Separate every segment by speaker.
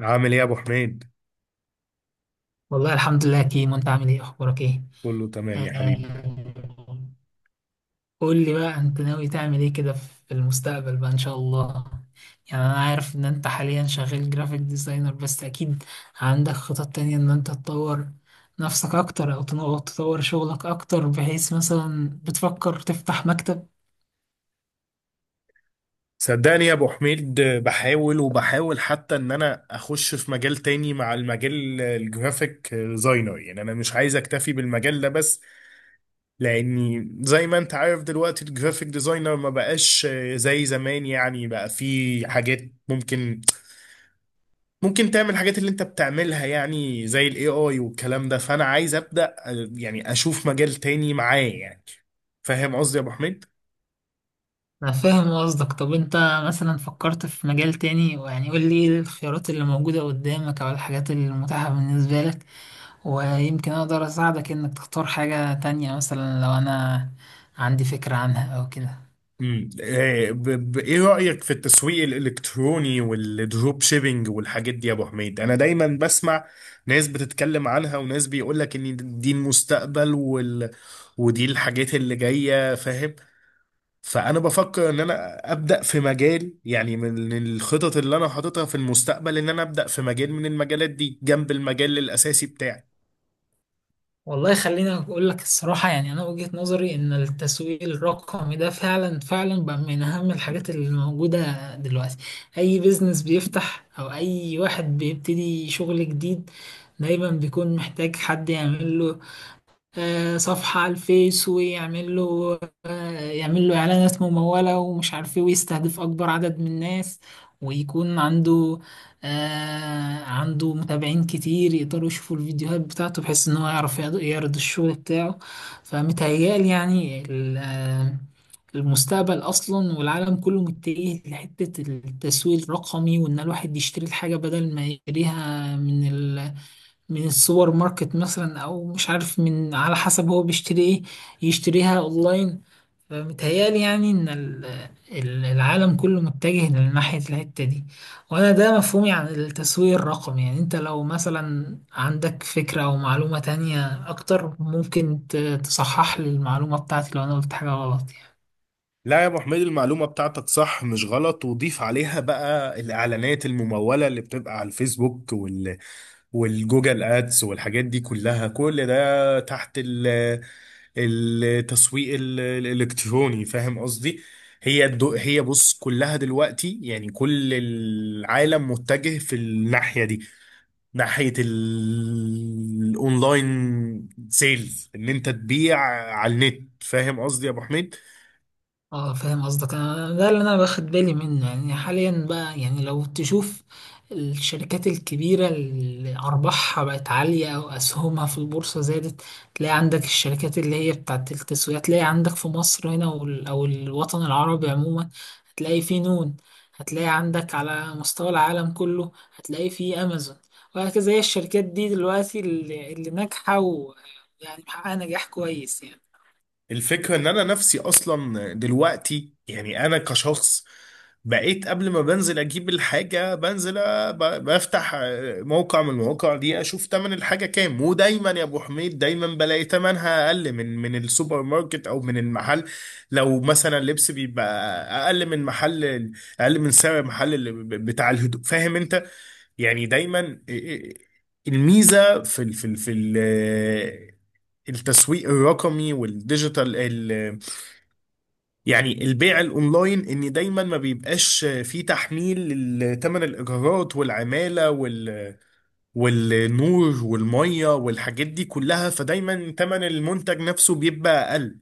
Speaker 1: عامل ايه يا ابو حميد؟
Speaker 2: والله الحمد لله يا كيمو، انت عامل ايه؟ اخبارك ايه؟
Speaker 1: كله تمام يا حبيبي.
Speaker 2: آه، قول لي بقى، انت ناوي تعمل ايه كده في المستقبل بقى ان شاء الله؟ يعني انا عارف ان انت حاليا شغال جرافيك ديزاينر، بس اكيد عندك خطط تانية ان انت تطور نفسك اكتر، او تطور شغلك اكتر، بحيث مثلا بتفكر تفتح مكتب.
Speaker 1: صدقني يا ابو حميد، بحاول وبحاول حتى ان انا اخش في مجال تاني مع المجال الجرافيك ديزاينر. يعني انا مش عايز اكتفي بالمجال ده بس، لاني زي ما انت عارف دلوقتي الجرافيك ديزاينر ما بقاش زي زمان. يعني بقى في حاجات ممكن ممكن تعمل الحاجات اللي انت بتعملها، يعني زي الاي اي والكلام ده. فانا عايز ابدا يعني اشوف مجال تاني معاه، يعني فاهم قصدي يا ابو حميد؟
Speaker 2: انا فاهم قصدك. طب انت مثلا فكرت في مجال تاني؟ يعني قول لي ايه الخيارات اللي موجودة قدامك او الحاجات المتاحة بالنسبة لك، ويمكن أقدر أساعدك إنك تختار حاجة تانية، مثلا لو أنا عندي فكرة عنها أو كده.
Speaker 1: ايه رأيك في التسويق الالكتروني والدروب شيبينج والحاجات دي يا ابو حميد؟ انا دايما بسمع ناس بتتكلم عنها، وناس بيقول لك ان دي المستقبل ودي الحاجات اللي جاية، فاهم؟ فانا بفكر ان انا ابدأ في مجال، يعني من الخطط اللي انا حاططها في المستقبل ان انا ابدأ في مجال من المجالات دي جنب المجال الاساسي بتاعي.
Speaker 2: والله خليني أقول لك الصراحة، يعني أنا وجهة نظري إن التسويق الرقمي ده فعلا فعلا بقى من أهم الحاجات اللي موجودة دلوقتي. أي بيزنس بيفتح أو أي واحد بيبتدي شغل جديد، دايما بيكون محتاج حد يعمل له صفحة على الفيس، ويعمل له، يعمل له إعلانات ممولة ومش عارف إيه، ويستهدف أكبر عدد من الناس، ويكون عنده عنده متابعين كتير يقدروا يشوفوا الفيديوهات بتاعته، بحيث إن هو يعرف يعرض يعرض الشغل بتاعه. فمتهيألي يعني المستقبل أصلا والعالم كله متجه لحتة التسويق الرقمي، وإن الواحد يشتري الحاجة بدل ما يشتريها من من السوبر ماركت مثلا او مش عارف، من على حسب هو بيشتري ايه، يشتريها اونلاين. فمتهيألي يعني ان العالم كله متجه لناحية الحتة دي. وانا ده مفهومي عن التسويق الرقمي. يعني انت لو مثلا عندك فكرة او معلومة تانية اكتر، ممكن تصحح لي المعلومة بتاعتي لو انا قلت حاجة غلط يعني.
Speaker 1: لا يا ابو حميد، المعلومه بتاعتك صح مش غلط، وضيف عليها بقى الاعلانات المموله اللي بتبقى على الفيسبوك والجوجل ادز والحاجات دي كلها، كل ده تحت التسويق الالكتروني، فاهم قصدي؟ هي بص، كلها دلوقتي يعني كل العالم متجه في الناحيه دي، ناحيه الاونلاين سيلز، ان انت تبيع على النت، فاهم قصدي يا ابو حميد؟
Speaker 2: اه فاهم قصدك. انا ده اللي انا باخد بالي منه يعني، حاليا بقى، يعني لو تشوف الشركات الكبيرة اللي أرباحها بقت عالية أو أسهمها في البورصة زادت، تلاقي عندك الشركات اللي هي بتاعت التسويق، تلاقي عندك في مصر هنا أو الوطن العربي عموما، هتلاقي في نون، هتلاقي عندك على مستوى العالم كله هتلاقي في أمازون، وهكذا. هي الشركات دي دلوقتي اللي ناجحة ويعني محققة نجاح كويس يعني.
Speaker 1: الفكرة ان انا نفسي اصلا دلوقتي، يعني انا كشخص بقيت قبل ما بنزل اجيب الحاجة بنزل بفتح موقع من المواقع دي، اشوف تمن الحاجة كام، ودايما يا ابو حميد دايما بلاقي تمنها اقل من السوبر ماركت او من المحل. لو مثلا اللبس، بيبقى اقل من محل اقل من سعر محل اللي بتاع الهدوء، فاهم انت؟ يعني دايما الميزه في ال التسويق الرقمي والديجيتال يعني البيع الاونلاين، ان دايما ما بيبقاش فيه تحميل لثمن الايجارات والعماله والنور والميه والحاجات دي كلها، فدايما ثمن المنتج نفسه بيبقى اقل.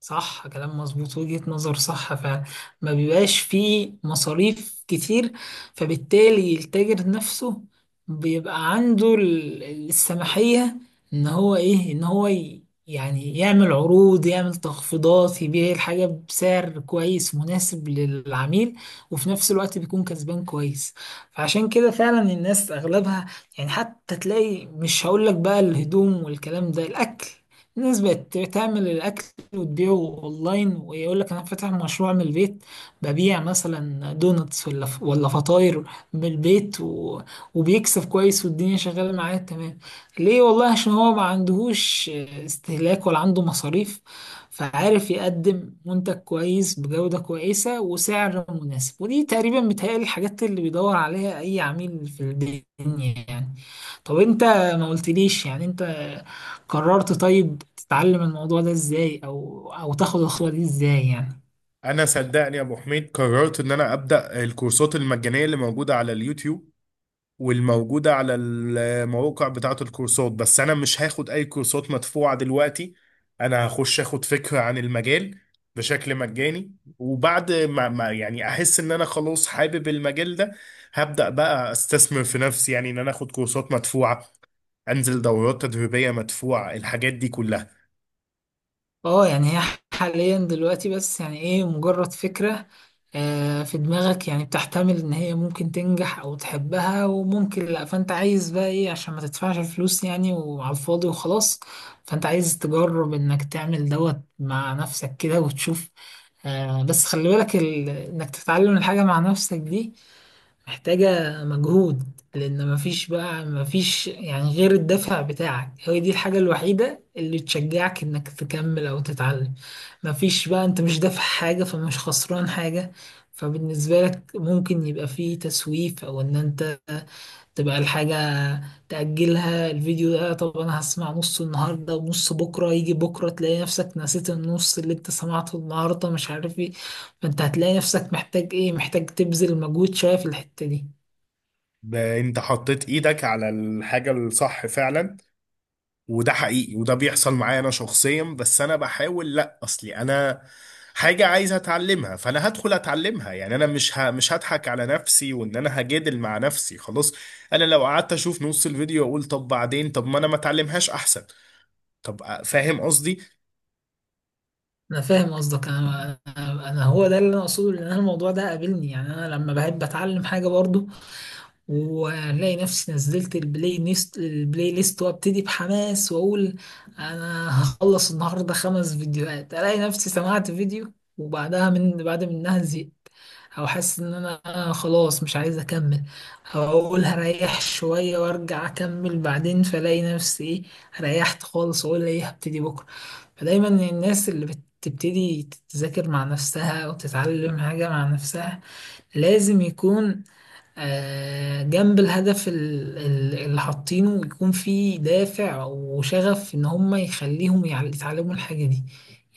Speaker 2: صح، كلام مظبوط، وجهة نظر صح فعلا. ما بيبقاش فيه مصاريف كتير، فبالتالي التاجر نفسه بيبقى عنده السماحية ان هو ايه، ان هو يعني يعمل عروض، يعمل تخفيضات، يبيع الحاجة بسعر كويس مناسب للعميل، وفي نفس الوقت بيكون كسبان كويس. فعشان كده فعلا الناس اغلبها يعني، حتى تلاقي مش هقولك بقى الهدوم والكلام ده، الاكل، الناس بقت تعمل الأكل وتبيعه اونلاين، ويقول لك انا فاتح مشروع من البيت، ببيع مثلا دونتس ولا فطاير من البيت، وبيكسب كويس والدنيا شغاله معاه تمام. ليه؟ والله عشان هو ما عندهوش استهلاك ولا عنده مصاريف، فعارف يقدم منتج كويس بجودة كويسة وسعر مناسب. ودي تقريبا بتهيألي الحاجات اللي بيدور عليها أي عميل في الدنيا يعني. طب أنت ما قلتليش يعني، أنت قررت طيب تتعلم الموضوع ده ازاي، او تاخد الخطوة دي ازاي يعني؟
Speaker 1: انا صدقني يا ابو حميد قررت ان انا ابدا الكورسات المجانيه اللي موجوده على اليوتيوب والموجودة على المواقع بتاعة الكورسات، بس أنا مش هاخد أي كورسات مدفوعة دلوقتي. أنا هخش أخد فكرة عن المجال بشكل مجاني، وبعد ما يعني أحس إن أنا خلاص حابب المجال ده، هبدأ بقى أستثمر في نفسي، يعني إن أنا أخد كورسات مدفوعة، أنزل دورات تدريبية مدفوعة، الحاجات دي كلها.
Speaker 2: اه، يعني هي حاليا دلوقتي بس يعني ايه، مجرد فكرة في دماغك يعني، بتحتمل ان هي ممكن تنجح او تحبها وممكن لا، فانت عايز بقى ايه؟ عشان ما تدفعش الفلوس يعني وعلى الفاضي وخلاص. فانت عايز تجرب انك تعمل دوت مع نفسك كده وتشوف. بس خلي بالك، انك تتعلم الحاجة مع نفسك دي محتاجة مجهود، لأن مفيش بقى، مفيش يعني غير الدافع بتاعك، هي دي الحاجة الوحيدة اللي تشجعك إنك تكمل أو تتعلم. مفيش بقى، أنت مش دافع حاجة فمش خسران حاجة، فبالنسبة لك ممكن يبقى فيه تسويف، أو إن أنت تبقى الحاجة تأجلها. الفيديو ده طب أنا هسمع نص النهاردة ونص بكرة، يجي بكرة تلاقي نفسك نسيت النص اللي أنت سمعته النهاردة، مش عارف إيه. فأنت هتلاقي نفسك محتاج إيه، محتاج تبذل مجهود شوية في الحتة دي.
Speaker 1: أنت حطيت إيدك على الحاجة الصح فعلا، وده حقيقي وده بيحصل معايا انا شخصيا. بس انا بحاول، لا اصلي انا حاجة عايز اتعلمها، فانا هدخل اتعلمها. يعني انا مش هضحك على نفسي وان انا هجادل مع نفسي خلاص. انا لو قعدت اشوف نص الفيديو اقول طب بعدين، طب ما انا ما اتعلمهاش احسن. طب فاهم قصدي؟
Speaker 2: انا فاهم قصدك. انا انا أنا هو ده اللي انا اقصده، لان أنا الموضوع ده قابلني يعني. انا لما بحب اتعلم حاجه برضو، وهنلاقي نفسي نزلت البلاي ليست وابتدي بحماس واقول انا هخلص النهارده خمس فيديوهات، الاقي نفسي سمعت فيديو وبعدها من بعد منها زهقت، او حاسس ان انا خلاص مش عايز اكمل، او اقول هريح شويه وارجع اكمل بعدين، فلاقي نفسي ايه، ريحت خالص واقول ايه، هبتدي بكره. فدايما الناس اللي بتبتدي تذاكر مع نفسها وتتعلم حاجه مع نفسها لازم يكون جنب الهدف اللي حاطينه يكون في دافع وشغف ان هم يخليهم يتعلموا الحاجة دي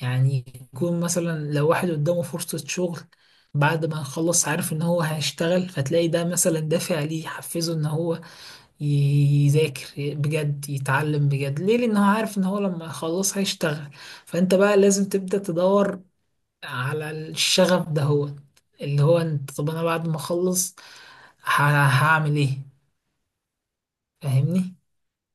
Speaker 2: يعني. يكون مثلا لو واحد قدامه فرصة شغل بعد ما يخلص، عارف ان هو هيشتغل، فتلاقي ده مثلا دافع ليه، يحفزه ان هو يذاكر بجد، يتعلم بجد. ليه؟ لان هو عارف ان هو لما يخلص هيشتغل. فانت بقى لازم تبدأ تدور على الشغف ده، هو اللي هو انت طب انا بعد ما اخلص هعمل ايه؟ فاهمني.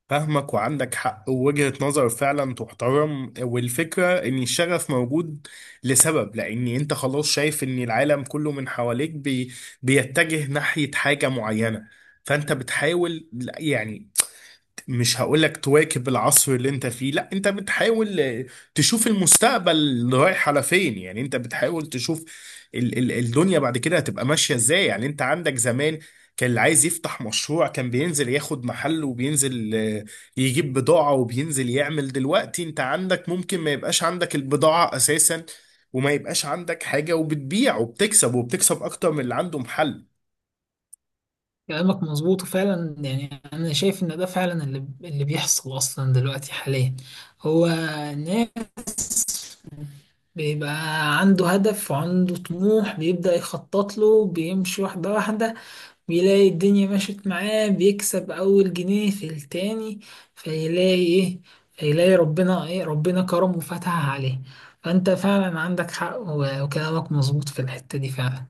Speaker 1: فاهمك وعندك حق ووجهة نظر فعلا تحترم. والفكرة ان الشغف موجود لسبب، لان انت خلاص شايف ان العالم كله من حواليك بيتجه ناحية حاجة معينة، فانت بتحاول، يعني مش هقولك تواكب العصر اللي انت فيه، لا انت بتحاول تشوف المستقبل رايح على فين. يعني انت بتحاول تشوف ال ال الدنيا بعد كده هتبقى ماشية ازاي. يعني انت عندك زمان كان اللي عايز يفتح مشروع كان بينزل ياخد محل، وبينزل يجيب بضاعة، وبينزل يعمل. دلوقتي انت عندك ممكن ما يبقاش عندك البضاعة اساسا، وما يبقاش عندك حاجة، وبتبيع وبتكسب، وبتكسب اكتر من اللي عنده محل.
Speaker 2: كلامك مظبوط فعلا، يعني انا شايف ان ده فعلا اللي بيحصل اصلا دلوقتي حاليا. هو الناس بيبقى عنده هدف وعنده طموح، بيبدأ يخطط له، بيمشي واحدة واحدة، بيلاقي الدنيا مشيت معاه، بيكسب أول جنيه في التاني، فيلاقي إيه، فيلاقي ربنا إيه، ربنا كرمه وفتح عليه. فأنت فعلا عندك حق وكلامك مظبوط في الحتة دي فعلا.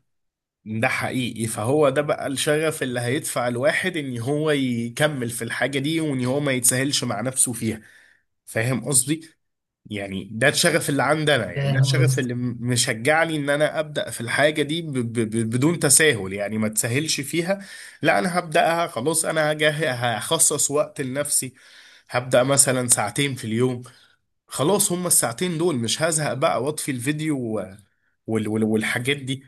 Speaker 1: ده حقيقي، فهو ده بقى الشغف اللي هيدفع الواحد ان هو يكمل في الحاجة دي، وان هو ما يتساهلش مع نفسه فيها، فاهم قصدي؟ يعني ده الشغف اللي عندنا، يعني ده
Speaker 2: فاهم
Speaker 1: الشغف
Speaker 2: قصدك.
Speaker 1: اللي مشجعني ان انا ابدأ في الحاجة دي ب ب ب بدون تساهل، يعني ما تساهلش فيها. لا انا هبدأها خلاص، انا هخصص وقت لنفسي، هبدأ مثلا ساعتين في اليوم. خلاص هما الساعتين دول مش هزهق بقى واطفي الفيديو والحاجات دي.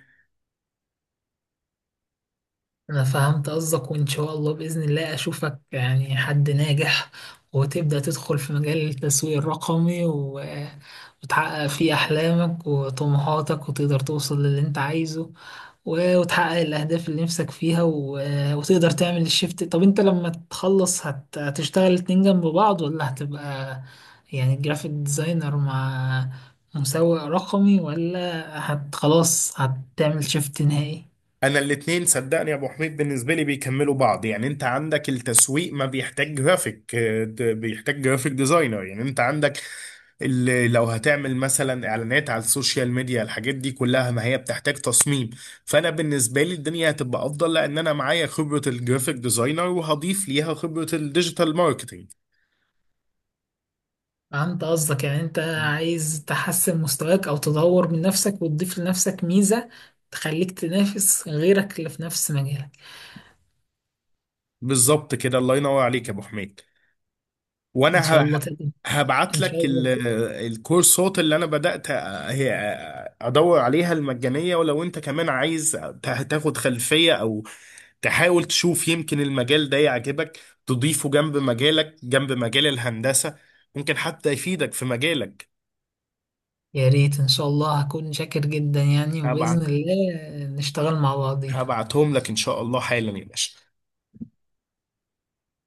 Speaker 2: أنا فهمت قصدك، وإن شاء الله بإذن الله أشوفك يعني حد ناجح، وتبدأ تدخل في مجال التسويق الرقمي وتحقق فيه أحلامك وطموحاتك، وتقدر توصل للي أنت عايزه، وتحقق الأهداف اللي نفسك فيها، وتقدر تعمل الشيفت. طب أنت لما تخلص هتشتغل اتنين جنب بعض ولا هتبقى يعني جرافيك ديزاينر مع مسوق رقمي، ولا هت، خلاص هتعمل شيفت نهائي؟
Speaker 1: انا الاتنين صدقني يا ابو حميد بالنسبه لي بيكملوا بعض. يعني انت عندك التسويق ما بيحتاج جرافيك، بيحتاج جرافيك ديزاينر. يعني انت عندك اللي لو هتعمل مثلا اعلانات على السوشيال ميديا، الحاجات دي كلها ما هي بتحتاج تصميم. فانا بالنسبه لي الدنيا هتبقى افضل، لان انا معايا خبره الجرافيك ديزاينر وهضيف ليها خبره الديجيتال ماركتينج.
Speaker 2: فهمت قصدك، يعني أنت عايز تحسن مستواك أو تدور من نفسك وتضيف لنفسك ميزة تخليك تنافس غيرك اللي في نفس مجالك.
Speaker 1: بالظبط كده، الله ينور عليك يا ابو حميد.
Speaker 2: إن شاء
Speaker 1: وانا
Speaker 2: الله تقدر.
Speaker 1: هبعت
Speaker 2: إن
Speaker 1: لك
Speaker 2: شاء الله.
Speaker 1: الكورسات اللي انا بدأت هي ادور عليها، المجانية. ولو انت كمان عايز تاخد خلفية او تحاول تشوف، يمكن المجال ده يعجبك تضيفه جنب مجالك، جنب مجال الهندسة، ممكن حتى يفيدك في مجالك.
Speaker 2: يا ريت ان شاء الله، هكون شاكر جدا يعني،
Speaker 1: هبعت
Speaker 2: وبإذن الله نشتغل مع بعضين.
Speaker 1: هبعتهم لك ان شاء الله حالا يا باشا.